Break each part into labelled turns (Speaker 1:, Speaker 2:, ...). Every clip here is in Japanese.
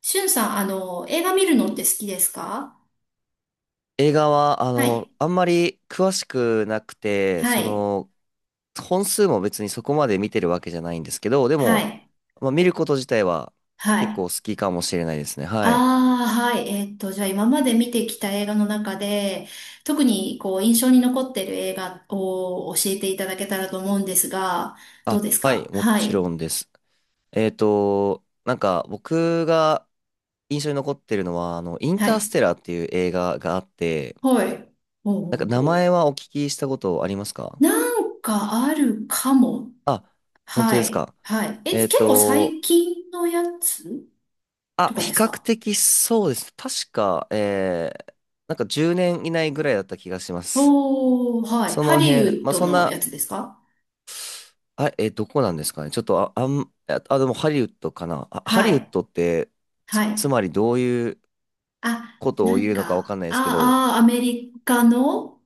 Speaker 1: しゅんさん、映画見るのって好きですか？
Speaker 2: 映画は、
Speaker 1: はい。
Speaker 2: あんまり詳しくなくて、
Speaker 1: はい。
Speaker 2: 本数も別にそこまで見てるわけじゃないんですけど、で
Speaker 1: は
Speaker 2: も、
Speaker 1: い。
Speaker 2: まあ、見ること自体は
Speaker 1: は
Speaker 2: 結構
Speaker 1: い。
Speaker 2: 好きかもしれないですね。はい。
Speaker 1: ああ、はい。じゃあ今まで見てきた映画の中で、特にこう印象に残ってる映画を教えていただけたらと思うんですが、どうで
Speaker 2: あ、
Speaker 1: す
Speaker 2: はい、
Speaker 1: か？
Speaker 2: も
Speaker 1: は
Speaker 2: ちろ
Speaker 1: い。
Speaker 2: んです。なんか僕が印象に残ってるのは、イン
Speaker 1: は
Speaker 2: タース
Speaker 1: い。
Speaker 2: テラーっていう映画があって、
Speaker 1: はい。お
Speaker 2: なんか
Speaker 1: う
Speaker 2: 名
Speaker 1: おうお
Speaker 2: 前
Speaker 1: う。
Speaker 2: はお聞きしたことありますか？
Speaker 1: なんかあるかも。
Speaker 2: あ、本当
Speaker 1: は
Speaker 2: です
Speaker 1: い。
Speaker 2: か。
Speaker 1: はい。え、
Speaker 2: え
Speaker 1: 結
Speaker 2: っ
Speaker 1: 構
Speaker 2: と、
Speaker 1: 最近のやつと
Speaker 2: あ、
Speaker 1: か
Speaker 2: 比
Speaker 1: です
Speaker 2: 較
Speaker 1: か？
Speaker 2: 的そうです。確か、なんか10年以内ぐらいだった気がします。
Speaker 1: おー、はい。
Speaker 2: そ
Speaker 1: ハ
Speaker 2: の
Speaker 1: リ
Speaker 2: 辺、
Speaker 1: ウッ
Speaker 2: まあ
Speaker 1: ド
Speaker 2: そん
Speaker 1: のや
Speaker 2: な、
Speaker 1: つですか？
Speaker 2: あ、どこなんですかね。ちょっと、でもハリウッドかな。あ、ハリ
Speaker 1: は
Speaker 2: ウッ
Speaker 1: い。
Speaker 2: ドって、つ、
Speaker 1: は
Speaker 2: つ
Speaker 1: い。
Speaker 2: まりどういう
Speaker 1: あ、
Speaker 2: ことを
Speaker 1: なん
Speaker 2: 言うのかわか
Speaker 1: か、
Speaker 2: んないですけど、
Speaker 1: ああ、アメリカの、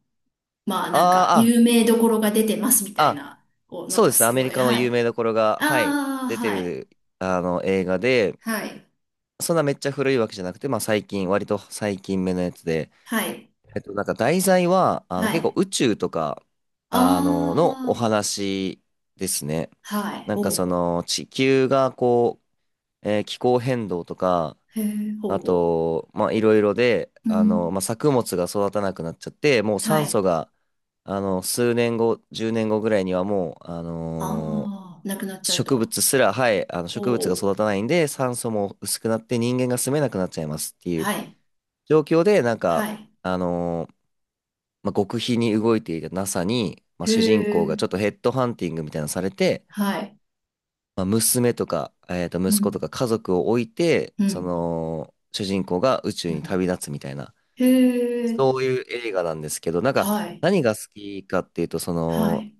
Speaker 1: まあ
Speaker 2: あ
Speaker 1: なんか、
Speaker 2: ー
Speaker 1: 有名どころが出てますみ
Speaker 2: あ、
Speaker 1: たい
Speaker 2: あ、
Speaker 1: な、お、なん
Speaker 2: そうで
Speaker 1: か
Speaker 2: すね。ア
Speaker 1: す
Speaker 2: メ
Speaker 1: ご
Speaker 2: リ
Speaker 1: い。
Speaker 2: カの
Speaker 1: は
Speaker 2: 有
Speaker 1: い。
Speaker 2: 名どころが、はい、
Speaker 1: ああ、
Speaker 2: 出て
Speaker 1: はい。
Speaker 2: る、映画で、
Speaker 1: はい。
Speaker 2: そんなめっちゃ古いわけじゃなくて、まあ最近、割と最近目のやつで、
Speaker 1: はい。
Speaker 2: なんか題材は、
Speaker 1: は
Speaker 2: 結構
Speaker 1: い。
Speaker 2: 宇宙とか、
Speaker 1: あ
Speaker 2: のお話ですね。
Speaker 1: あ、はい。
Speaker 2: なんか
Speaker 1: お
Speaker 2: そ
Speaker 1: うお
Speaker 2: の、地球がこう、気候変動とか、
Speaker 1: う。へえ、ほう
Speaker 2: あ
Speaker 1: ほ
Speaker 2: と、まあ、いろいろで、
Speaker 1: う。うん。
Speaker 2: まあ、作物が育たなくなっちゃって、もう
Speaker 1: は
Speaker 2: 酸
Speaker 1: い。
Speaker 2: 素が、数年後、10年後ぐらいにはもう、
Speaker 1: ああ、なくなっちゃう
Speaker 2: 植
Speaker 1: と。
Speaker 2: 物すら、はい、植物
Speaker 1: お
Speaker 2: が
Speaker 1: お。
Speaker 2: 育たないんで、酸素も薄くなって人間が住めなくなっちゃいますっていう
Speaker 1: はい。
Speaker 2: 状況で、なんか、
Speaker 1: はい。
Speaker 2: あのーまあ、極秘に動いていた NASA に、まあ、
Speaker 1: へ
Speaker 2: 主人公が
Speaker 1: え、
Speaker 2: ちょっとヘッドハンティングみたいなのされて、
Speaker 1: はい。
Speaker 2: まあ、娘とか、
Speaker 1: う
Speaker 2: 息子
Speaker 1: ん。
Speaker 2: とか家族を置いて、
Speaker 1: う
Speaker 2: そ
Speaker 1: ん。
Speaker 2: の、主人公が宇宙
Speaker 1: う
Speaker 2: に
Speaker 1: ん。
Speaker 2: 旅立つみたいな、
Speaker 1: へえ、
Speaker 2: そういう映画なんですけど、なんか、
Speaker 1: はい。
Speaker 2: 何が好きかっていうと、そ
Speaker 1: は
Speaker 2: の、
Speaker 1: い。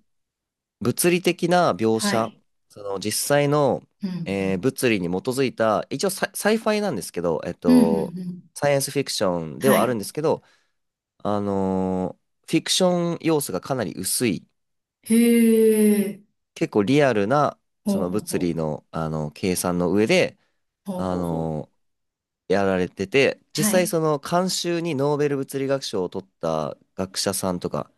Speaker 2: 物理的な描
Speaker 1: は
Speaker 2: 写、
Speaker 1: い。
Speaker 2: その、実際の、
Speaker 1: うん。うん
Speaker 2: 物理に基づいた、一応サイファイなんですけど、
Speaker 1: うんうんうん。
Speaker 2: サイエンスフィクションで
Speaker 1: は
Speaker 2: はあるん
Speaker 1: い。
Speaker 2: ですけど、あのーフィクション要素がかなり薄い
Speaker 1: へえ。
Speaker 2: 結構リアルな、
Speaker 1: ほ
Speaker 2: そ
Speaker 1: う
Speaker 2: の
Speaker 1: ほう
Speaker 2: 物
Speaker 1: ほ
Speaker 2: 理
Speaker 1: う。
Speaker 2: の、計算の上で、
Speaker 1: ほう
Speaker 2: あ
Speaker 1: ほうほう。
Speaker 2: の、やられてて、実
Speaker 1: は
Speaker 2: 際
Speaker 1: い。
Speaker 2: その監修にノーベル物理学賞を取った学者さんとか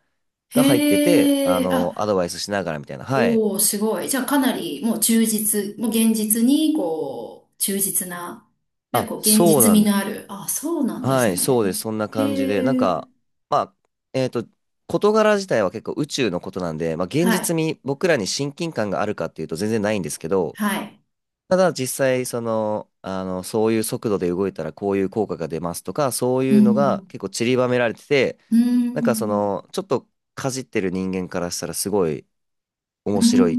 Speaker 2: が入ってて、
Speaker 1: へえ。
Speaker 2: ア
Speaker 1: あ、
Speaker 2: ドバイスしながらみたいな。はい。
Speaker 1: おお、すごい。じゃあかなりもう忠実、もう現実に、こう、忠実な、ね、
Speaker 2: あ、
Speaker 1: こう、現
Speaker 2: そう
Speaker 1: 実
Speaker 2: なん
Speaker 1: 味
Speaker 2: で、
Speaker 1: のある。あ、そうなんで
Speaker 2: は
Speaker 1: す
Speaker 2: い、そうで
Speaker 1: ね。
Speaker 2: す。そんな感じで、なん
Speaker 1: へえ。
Speaker 2: か、まあ、えっと、事柄自体は結構宇宙のことなんで、まあ、現
Speaker 1: は
Speaker 2: 実
Speaker 1: い。
Speaker 2: に僕らに親近感があるかっていうと全然ないんですけど、
Speaker 1: はい。
Speaker 2: ただ実際、そういう速度で動いたらこういう効果が出ますとか、そう
Speaker 1: う
Speaker 2: いうのが
Speaker 1: ん
Speaker 2: 結構散りばめられてて、
Speaker 1: うん。うー
Speaker 2: なんかそ
Speaker 1: ん。
Speaker 2: の、ちょっとかじってる人間からしたらすごい
Speaker 1: うー
Speaker 2: 面白いっ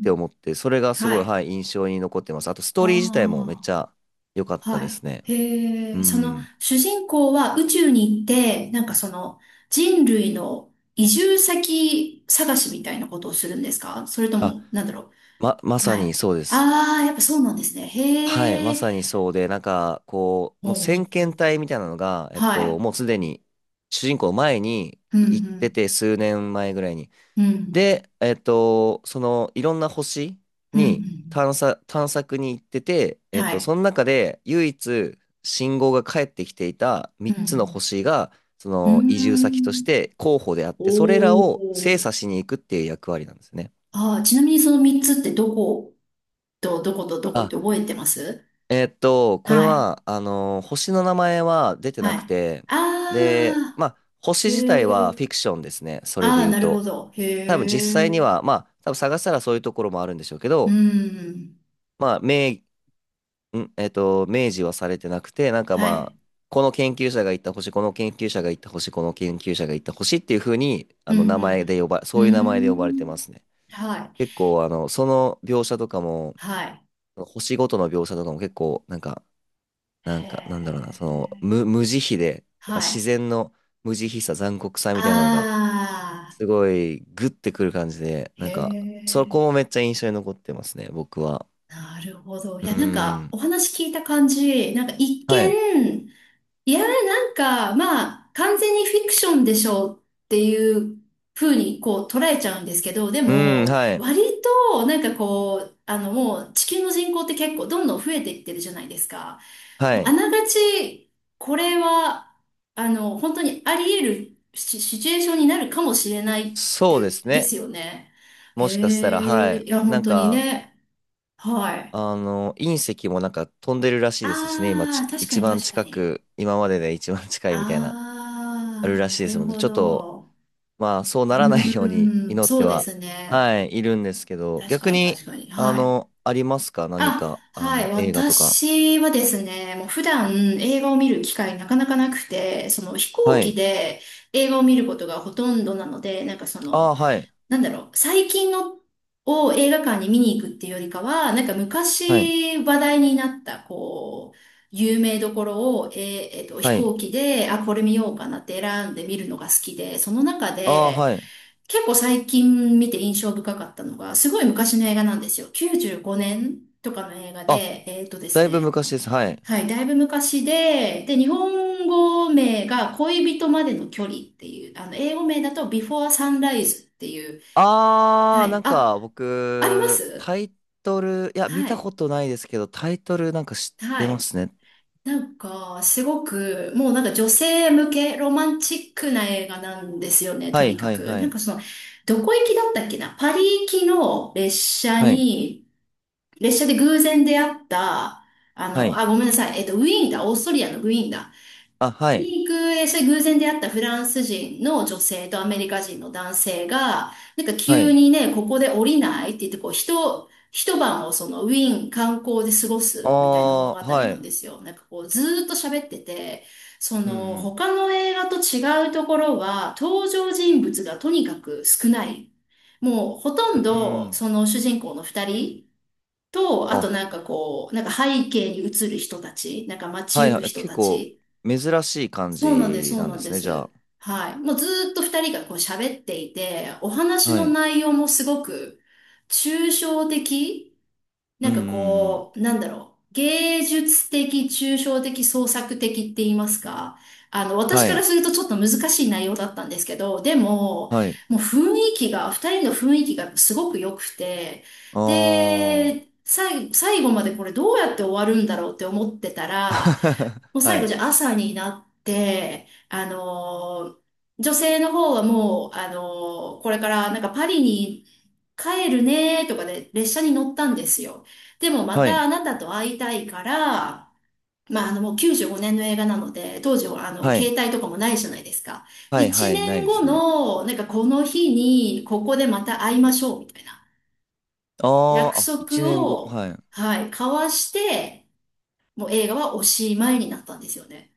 Speaker 2: て思って、それがす
Speaker 1: は
Speaker 2: ごい、
Speaker 1: い。
Speaker 2: はい、印象に残ってます。あと、スト
Speaker 1: あ
Speaker 2: ーリー自体もめっち
Speaker 1: あ。
Speaker 2: ゃ良かった
Speaker 1: は
Speaker 2: で
Speaker 1: い。
Speaker 2: すね。
Speaker 1: へ
Speaker 2: う
Speaker 1: え、その
Speaker 2: ん。
Speaker 1: 主人公は宇宙に行って、なんかその人類の移住先探しみたいなことをするんですか？それと
Speaker 2: あ、
Speaker 1: も、なんだろ
Speaker 2: ま、ま
Speaker 1: う。
Speaker 2: さ
Speaker 1: は
Speaker 2: に
Speaker 1: い。
Speaker 2: そうです。
Speaker 1: ああ、やっぱそうなんですね。
Speaker 2: はい、
Speaker 1: へ
Speaker 2: ま
Speaker 1: え。
Speaker 2: さにそうで、なんか、こう、
Speaker 1: ほ
Speaker 2: もう
Speaker 1: うほう
Speaker 2: 先
Speaker 1: ほ
Speaker 2: 遣
Speaker 1: うほう。
Speaker 2: 隊みたいなのが、
Speaker 1: はい。
Speaker 2: もうすでに主人公前に
Speaker 1: う
Speaker 2: 行って
Speaker 1: ん、
Speaker 2: て、数年前ぐらいに。
Speaker 1: うん、うん、
Speaker 2: で、そのいろんな星
Speaker 1: うん、う
Speaker 2: に
Speaker 1: ん。
Speaker 2: 探索に行ってて、
Speaker 1: はい。
Speaker 2: その中で唯一信号が返ってきていた
Speaker 1: う
Speaker 2: 3つの
Speaker 1: ん、
Speaker 2: 星が、そ
Speaker 1: う
Speaker 2: の移住先とし
Speaker 1: ん。うーん。
Speaker 2: て候補であって、それらを
Speaker 1: お
Speaker 2: 精
Speaker 1: お。
Speaker 2: 査しに行くっていう役割なんですね。
Speaker 1: ああ、ちなみにその3つってどこと、どことどこっ
Speaker 2: あ、
Speaker 1: て覚えてます？
Speaker 2: これ
Speaker 1: はい。
Speaker 2: は、星の名前は出てな
Speaker 1: はい。
Speaker 2: くて、
Speaker 1: あ
Speaker 2: で、ま
Speaker 1: あ。
Speaker 2: あ、星
Speaker 1: へ
Speaker 2: 自体はフィ
Speaker 1: え。
Speaker 2: クションですね。それで
Speaker 1: ああ、
Speaker 2: 言う
Speaker 1: なるほ
Speaker 2: と。
Speaker 1: ど。へ
Speaker 2: 多分実際に
Speaker 1: え。
Speaker 2: は、まあ、多分探したらそういうところもあるんでしょうけ
Speaker 1: う
Speaker 2: ど、
Speaker 1: ん。
Speaker 2: まあ、名、ん、えっと、明示はされてなくて、なんか
Speaker 1: は
Speaker 2: まあ、
Speaker 1: い。
Speaker 2: この研究者が行った星、この研究者が行った星、この研究者が行った星っていう風に、
Speaker 1: うん、
Speaker 2: 名
Speaker 1: う
Speaker 2: 前
Speaker 1: ん、
Speaker 2: で呼ば、
Speaker 1: うん。うー
Speaker 2: そういう名前で呼ばれてま
Speaker 1: ん。
Speaker 2: すね。
Speaker 1: はい。
Speaker 2: 結構、その描写とかも、
Speaker 1: はい。
Speaker 2: 星ごとの描写とかも結構、なんか、なん
Speaker 1: へ
Speaker 2: か、なんだろうな、
Speaker 1: え。
Speaker 2: 無慈悲で、やっぱ
Speaker 1: は
Speaker 2: 自
Speaker 1: い。
Speaker 2: 然の無慈悲さ、残酷さみ
Speaker 1: あ
Speaker 2: たいなのが、
Speaker 1: あ。
Speaker 2: すごい、グッてくる感じで、
Speaker 1: へ
Speaker 2: なんか、そこ
Speaker 1: え。
Speaker 2: もめっちゃ印象に残ってますね、僕は。
Speaker 1: なるほど。い
Speaker 2: うー
Speaker 1: や、なんか、
Speaker 2: ん。
Speaker 1: お話聞いた感じ、なんか一
Speaker 2: はい。
Speaker 1: 見、いや、なんか、まあ、完全にフィクションでしょうっていう風に、こう、捉えちゃうんですけど、で
Speaker 2: うーん、
Speaker 1: も、
Speaker 2: はい。
Speaker 1: 割と、なんかこう、もう、地球の人口って結構どんどん増えていってるじゃないですか。
Speaker 2: は
Speaker 1: もう、あ
Speaker 2: い。
Speaker 1: ながち、これは、本当にあり得るシシチュエーションになるかもしれないっ
Speaker 2: そうで
Speaker 1: て、
Speaker 2: す
Speaker 1: で
Speaker 2: ね。
Speaker 1: すよね。
Speaker 2: もしかした
Speaker 1: へ
Speaker 2: ら、は
Speaker 1: え、
Speaker 2: い。
Speaker 1: いや、本
Speaker 2: なん
Speaker 1: 当に
Speaker 2: か、
Speaker 1: ね。はい。
Speaker 2: 隕石もなんか飛んでるらしいですしね、
Speaker 1: ああ、確か
Speaker 2: 一
Speaker 1: に
Speaker 2: 番
Speaker 1: 確か
Speaker 2: 近
Speaker 1: に。
Speaker 2: く、今までで一番近いみたいな、ある
Speaker 1: ああ、
Speaker 2: らし
Speaker 1: な
Speaker 2: いです
Speaker 1: る
Speaker 2: ので、
Speaker 1: ほ
Speaker 2: ちょっと、
Speaker 1: ど。
Speaker 2: まあ、そう
Speaker 1: う
Speaker 2: ならないように
Speaker 1: ーん、
Speaker 2: 祈っ
Speaker 1: そ
Speaker 2: て
Speaker 1: うで
Speaker 2: は、
Speaker 1: すね。
Speaker 2: はい、いるんですけど、
Speaker 1: 確
Speaker 2: 逆
Speaker 1: かに
Speaker 2: に、
Speaker 1: 確かに。はい。
Speaker 2: ありますか何
Speaker 1: あ、
Speaker 2: か、
Speaker 1: はい。
Speaker 2: 映画とか。
Speaker 1: 私はですね、もう普段映画を見る機会なかなかなくて、その飛行
Speaker 2: は
Speaker 1: 機
Speaker 2: い。
Speaker 1: で映画を見ることがほとんどなので、なんかそ
Speaker 2: あ
Speaker 1: の、
Speaker 2: あ、はい。
Speaker 1: なんだろう、最近のを映画館に見に行くっていうよりかは、なんか
Speaker 2: はい。
Speaker 1: 昔話題になった、こう、有名どころを、飛
Speaker 2: はい。
Speaker 1: 行機で、あ、これ見ようかなって選んで見るのが好きで、その中
Speaker 2: ああ、
Speaker 1: で、
Speaker 2: はい。
Speaker 1: 結構最近見て印象深かったのが、すごい昔の映画なんですよ。95年とかの映画
Speaker 2: あ、
Speaker 1: で、えっとで
Speaker 2: だ
Speaker 1: す
Speaker 2: いぶ
Speaker 1: ね、
Speaker 2: 昔です。はい。
Speaker 1: はい、だいぶ昔で、で、日本語名が恋人までの距離っていう、英語名だと Before Sunrise っていう、
Speaker 2: あ
Speaker 1: は
Speaker 2: ー、な
Speaker 1: い。
Speaker 2: ん
Speaker 1: あ、
Speaker 2: か
Speaker 1: ありま
Speaker 2: 僕、
Speaker 1: す？
Speaker 2: タイトル、いや、見
Speaker 1: は
Speaker 2: た
Speaker 1: い。
Speaker 2: ことないですけど、タイトルなんか知って
Speaker 1: は
Speaker 2: ま
Speaker 1: い。
Speaker 2: すね。
Speaker 1: なんか、すごく、もうなんか女性向けロマンチックな映画なんですよね、と
Speaker 2: はい
Speaker 1: にか
Speaker 2: はい
Speaker 1: く。
Speaker 2: は
Speaker 1: なん
Speaker 2: い。
Speaker 1: かその、どこ行きだったっけな、パリ行きの列車
Speaker 2: はい。
Speaker 1: に、列車で偶然出会った、
Speaker 2: はい。
Speaker 1: あ、ごめんなさい。ウィーンだ。オーストリアのウィーンだ。
Speaker 2: あ、はい。
Speaker 1: に行く、え、それ偶然出会ったフランス人の女性とアメリカ人の男性が、なんか
Speaker 2: は
Speaker 1: 急
Speaker 2: い。
Speaker 1: にね、ここで降りないって言って、こう、一晩をそのウィーン観光で過ごすみたいな物
Speaker 2: あ
Speaker 1: 語
Speaker 2: ー、は
Speaker 1: なん
Speaker 2: い。
Speaker 1: ですよ。なんかこう、ずーっと喋ってて、そ
Speaker 2: う
Speaker 1: の、
Speaker 2: ん
Speaker 1: 他の映画と違うところは、登場人物がとにかく少ない。もう、ほとん
Speaker 2: うん。う
Speaker 1: ど、
Speaker 2: ん。
Speaker 1: その主人公の二人と、あと
Speaker 2: あ、
Speaker 1: なんかこう、なんか背景に映る人たち、なんか街
Speaker 2: はい
Speaker 1: 行く
Speaker 2: はい。
Speaker 1: 人
Speaker 2: 結
Speaker 1: た
Speaker 2: 構、
Speaker 1: ち、
Speaker 2: 珍しい感
Speaker 1: そうなんです、
Speaker 2: じ
Speaker 1: そう
Speaker 2: なん
Speaker 1: な
Speaker 2: で
Speaker 1: んで
Speaker 2: すね、じ
Speaker 1: す。
Speaker 2: ゃ
Speaker 1: はい。もうずーっと二人がこう喋っていて、お
Speaker 2: あ。
Speaker 1: 話
Speaker 2: は
Speaker 1: の
Speaker 2: い。
Speaker 1: 内容もすごく抽象的、
Speaker 2: う
Speaker 1: な
Speaker 2: ん
Speaker 1: ん
Speaker 2: うん
Speaker 1: か
Speaker 2: うん。
Speaker 1: こう、なんだろう、芸術的、抽象的、創作的って言いますか。私
Speaker 2: は
Speaker 1: から
Speaker 2: い。
Speaker 1: するとちょっと難しい内容だったんですけど、でも、
Speaker 2: はい。
Speaker 1: もう雰囲気が、二人の雰囲気がすごく良くて、
Speaker 2: あー。
Speaker 1: で、最後までこれどうやって終わるんだろうって思ってたら、もう最
Speaker 2: は
Speaker 1: 後じ
Speaker 2: い。
Speaker 1: ゃあ朝になって、女性の方はもう、これからなんかパリに帰るねとかで列車に乗ったんですよ。でもま
Speaker 2: は
Speaker 1: た
Speaker 2: い。
Speaker 1: あなたと会いたいから、まあ、あのもう95年の映画なので、当時はあの
Speaker 2: は
Speaker 1: 携
Speaker 2: い。
Speaker 1: 帯とかもないじゃないですか。
Speaker 2: はいは
Speaker 1: 1
Speaker 2: い。ない
Speaker 1: 年
Speaker 2: です
Speaker 1: 後
Speaker 2: ね。
Speaker 1: のなんかこの日にここでまた会いましょうみたいな
Speaker 2: あ
Speaker 1: 約
Speaker 2: ー、あ、1
Speaker 1: 束
Speaker 2: 年後。
Speaker 1: を、
Speaker 2: はい。
Speaker 1: はい、交わして、もう映画はおしまいになったんですよね。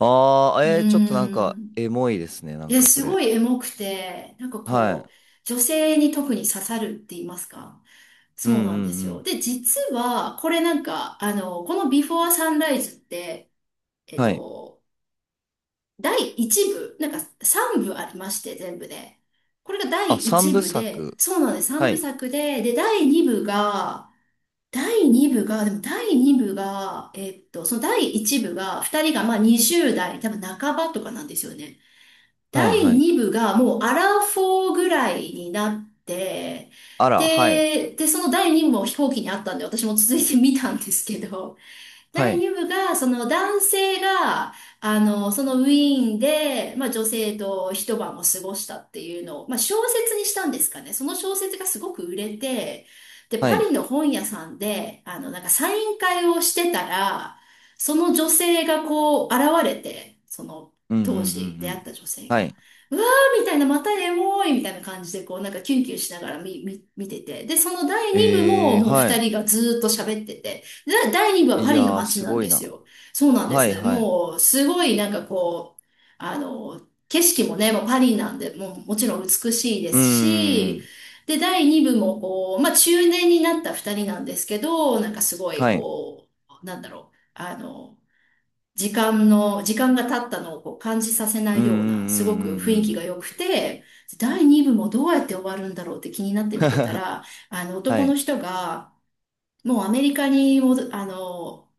Speaker 2: ああ、
Speaker 1: う
Speaker 2: えー、ちょっとなん
Speaker 1: ー
Speaker 2: か、
Speaker 1: ん。
Speaker 2: エモいですね、なん
Speaker 1: え、
Speaker 2: かそ
Speaker 1: すご
Speaker 2: れ。
Speaker 1: いエモくて、なんか
Speaker 2: は
Speaker 1: こ
Speaker 2: い。
Speaker 1: う、女性に特に刺さるって言いますか。
Speaker 2: うんう
Speaker 1: そうなんで
Speaker 2: んう
Speaker 1: すよ。
Speaker 2: ん。
Speaker 1: で、実は、これなんか、このビフォーサンライズって、えっ
Speaker 2: はい。
Speaker 1: と、第1部、なんか3部ありまして、全部で。これが
Speaker 2: あ、
Speaker 1: 第
Speaker 2: 三
Speaker 1: 1
Speaker 2: 部
Speaker 1: 部で、
Speaker 2: 作。
Speaker 1: そうなんです。3
Speaker 2: はい。
Speaker 1: 部作で、で、第2部が、でも第2部が、その第1部が、2人がまあ20代、多分半ばとかなんですよね。
Speaker 2: はい
Speaker 1: 第
Speaker 2: はい。
Speaker 1: 2部がもうアラフォーぐらいになって、
Speaker 2: あら、はい。
Speaker 1: で、その第2部も飛行機にあったんで、私も続いて見たんですけど、
Speaker 2: は
Speaker 1: 第2
Speaker 2: い。
Speaker 1: 部が、その男性が、そのウィーンで、まあ女性と一晩を過ごしたっていうのを、まあ小説にしたんですかね。その小説がすごく売れて、で、
Speaker 2: は
Speaker 1: パ
Speaker 2: い。
Speaker 1: リの本屋さんで、なんかサイン会をしてたら、その女性がこう現れて、その
Speaker 2: うんうんう
Speaker 1: 当時
Speaker 2: ん
Speaker 1: 出
Speaker 2: う
Speaker 1: 会っ
Speaker 2: ん。
Speaker 1: た女性
Speaker 2: は
Speaker 1: が、
Speaker 2: い。
Speaker 1: うわーみたいな、またエモいみたいな感じで、こうなんかキュンキュンしながら見てて。で、その第2部も
Speaker 2: えー、
Speaker 1: もう
Speaker 2: は
Speaker 1: 二
Speaker 2: い。
Speaker 1: 人がずーっと喋ってて、で第2部は
Speaker 2: い
Speaker 1: パリの
Speaker 2: やー、
Speaker 1: 街
Speaker 2: す
Speaker 1: なん
Speaker 2: ご
Speaker 1: で
Speaker 2: い
Speaker 1: す
Speaker 2: な。
Speaker 1: よ。そうなんで
Speaker 2: はい
Speaker 1: す。
Speaker 2: はい。
Speaker 1: もう、すごいなんかこう、あの、景色もね、もうパリなんで、もうもちろん美しいで
Speaker 2: うー
Speaker 1: すし、
Speaker 2: ん。
Speaker 1: で、第2部もこう、まあ中年になった2人なんですけど、なんかすごい
Speaker 2: はい。
Speaker 1: こう、なんだろう、時間が経ったのをこう感じさせな
Speaker 2: うん
Speaker 1: い
Speaker 2: うんう
Speaker 1: ような、すご
Speaker 2: ん
Speaker 1: く
Speaker 2: う
Speaker 1: 雰
Speaker 2: ん
Speaker 1: 囲
Speaker 2: う
Speaker 1: 気
Speaker 2: ん。
Speaker 1: が良くて、第2部もどうやって終わるんだろうって気になって見てた ら、
Speaker 2: は
Speaker 1: 男の
Speaker 2: い。
Speaker 1: 人が、もうアメリカにもど、あの、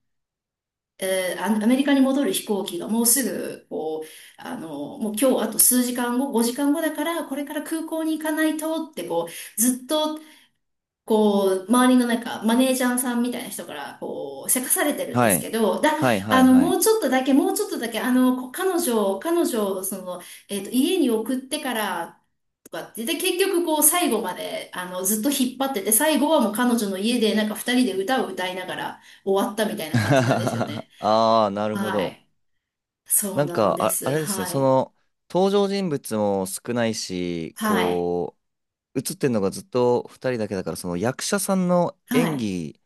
Speaker 1: えーあアメリカに戻る飛行機がもうすぐ、こう、もう今日あと数時間後、5時間後だから、これから空港に行かないとって、こう、ずっと、こう、周りのなんか、マネージャーさんみたいな人から、こう、せかされてるんで
Speaker 2: は
Speaker 1: す
Speaker 2: い。
Speaker 1: けど、だ、
Speaker 2: はいは
Speaker 1: あ
Speaker 2: い
Speaker 1: の、
Speaker 2: は
Speaker 1: も
Speaker 2: い。
Speaker 1: うちょっとだけ、もうちょっとだけ、こ彼女を、彼女を、その、家に送ってから、とかってで、結局こう最後まであのずっと引っ張ってて、最後はもう彼女の家でなんか二人で歌を歌いながら終わったみたいな感じなんで すよね。
Speaker 2: ああ、なるほ
Speaker 1: は
Speaker 2: ど。
Speaker 1: い。そう
Speaker 2: なん
Speaker 1: なん
Speaker 2: か、
Speaker 1: で
Speaker 2: あ、あ
Speaker 1: す。
Speaker 2: れですね、
Speaker 1: は
Speaker 2: そ
Speaker 1: い。
Speaker 2: の、登場人物も少ないし、
Speaker 1: はい。
Speaker 2: こう、映ってんのがずっと二人だけだから、その役者さんの
Speaker 1: は
Speaker 2: 演
Speaker 1: い。
Speaker 2: 技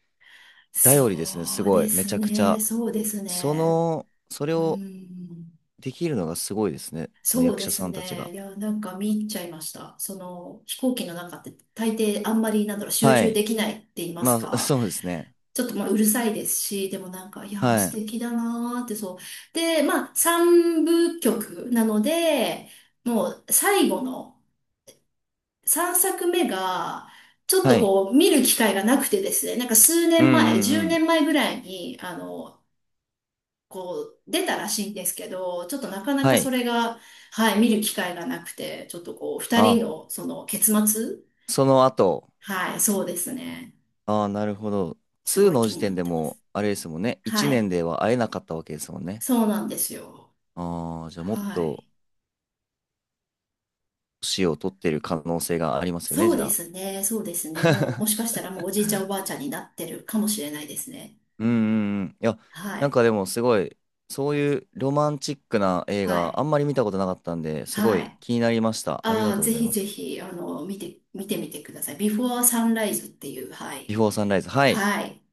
Speaker 2: 頼りですね、す
Speaker 1: そう
Speaker 2: ご
Speaker 1: で
Speaker 2: い、め
Speaker 1: す
Speaker 2: ちゃくち
Speaker 1: ね。
Speaker 2: ゃ。
Speaker 1: そうです
Speaker 2: そ
Speaker 1: ね。
Speaker 2: の、それ
Speaker 1: う
Speaker 2: を
Speaker 1: ん。
Speaker 2: できるのがすごいですね、その
Speaker 1: そう
Speaker 2: 役
Speaker 1: で
Speaker 2: 者さ
Speaker 1: す
Speaker 2: んたち
Speaker 1: ね。
Speaker 2: が。
Speaker 1: いや、なんか見入っちゃいました。その、飛行機の中って大抵あんまり、なんだろう、集
Speaker 2: は
Speaker 1: 中
Speaker 2: い。
Speaker 1: できないって言いま
Speaker 2: ま
Speaker 1: す
Speaker 2: あ、
Speaker 1: か。
Speaker 2: そうですね。
Speaker 1: ちょっとまあうるさいですし、でもなんか、いやー
Speaker 2: は
Speaker 1: 素
Speaker 2: い。
Speaker 1: 敵だなーってそう。で、まあ、三部曲なので、もう最後の、3作目が、ちょっ
Speaker 2: は
Speaker 1: と
Speaker 2: い。
Speaker 1: こう、見る機会がなくてですね、なんか数
Speaker 2: うん
Speaker 1: 年
Speaker 2: う
Speaker 1: 前、
Speaker 2: ん
Speaker 1: 10
Speaker 2: うん。
Speaker 1: 年前ぐらいに、こう、出たらしいんですけど、ちょっとなかな
Speaker 2: は
Speaker 1: かそ
Speaker 2: い。
Speaker 1: れが、はい、見る機会がなくて、ちょっとこう、二人
Speaker 2: あ、
Speaker 1: の、その、結末。
Speaker 2: その後。
Speaker 1: はい、そうですね。
Speaker 2: ああ、なるほど。
Speaker 1: す
Speaker 2: 2
Speaker 1: ごい
Speaker 2: の
Speaker 1: 気
Speaker 2: 時
Speaker 1: になっ
Speaker 2: 点で
Speaker 1: てま
Speaker 2: も、
Speaker 1: す。
Speaker 2: あれですもんね、1
Speaker 1: は
Speaker 2: 年
Speaker 1: い、
Speaker 2: では会えなかったわけですもんね。
Speaker 1: そうなんですよ。
Speaker 2: ああ、じゃあもっ
Speaker 1: は
Speaker 2: と、
Speaker 1: い。
Speaker 2: 年を取ってる可能性がありますよね、
Speaker 1: そう
Speaker 2: じゃ
Speaker 1: で
Speaker 2: あ。
Speaker 1: すね、そうですね。もう、もしかしたらもうおじいちゃんおばあちゃんになってるかもしれないですね。
Speaker 2: うんうんうん。いや、
Speaker 1: は
Speaker 2: なん
Speaker 1: い、
Speaker 2: かでもすごい、そういうロマンチックな映
Speaker 1: は
Speaker 2: 画、
Speaker 1: い、
Speaker 2: あんまり見たことなかったんで、すご
Speaker 1: は
Speaker 2: い
Speaker 1: い。
Speaker 2: 気になりました。ありが
Speaker 1: ああ、
Speaker 2: とうご
Speaker 1: ぜ
Speaker 2: ざい
Speaker 1: ひ
Speaker 2: ま
Speaker 1: ぜ
Speaker 2: す。
Speaker 1: ひ、て、見てみてください。ビフォーサンライズっていう、は
Speaker 2: ビ
Speaker 1: い。
Speaker 2: フォーサンライズ。はい。
Speaker 1: はい。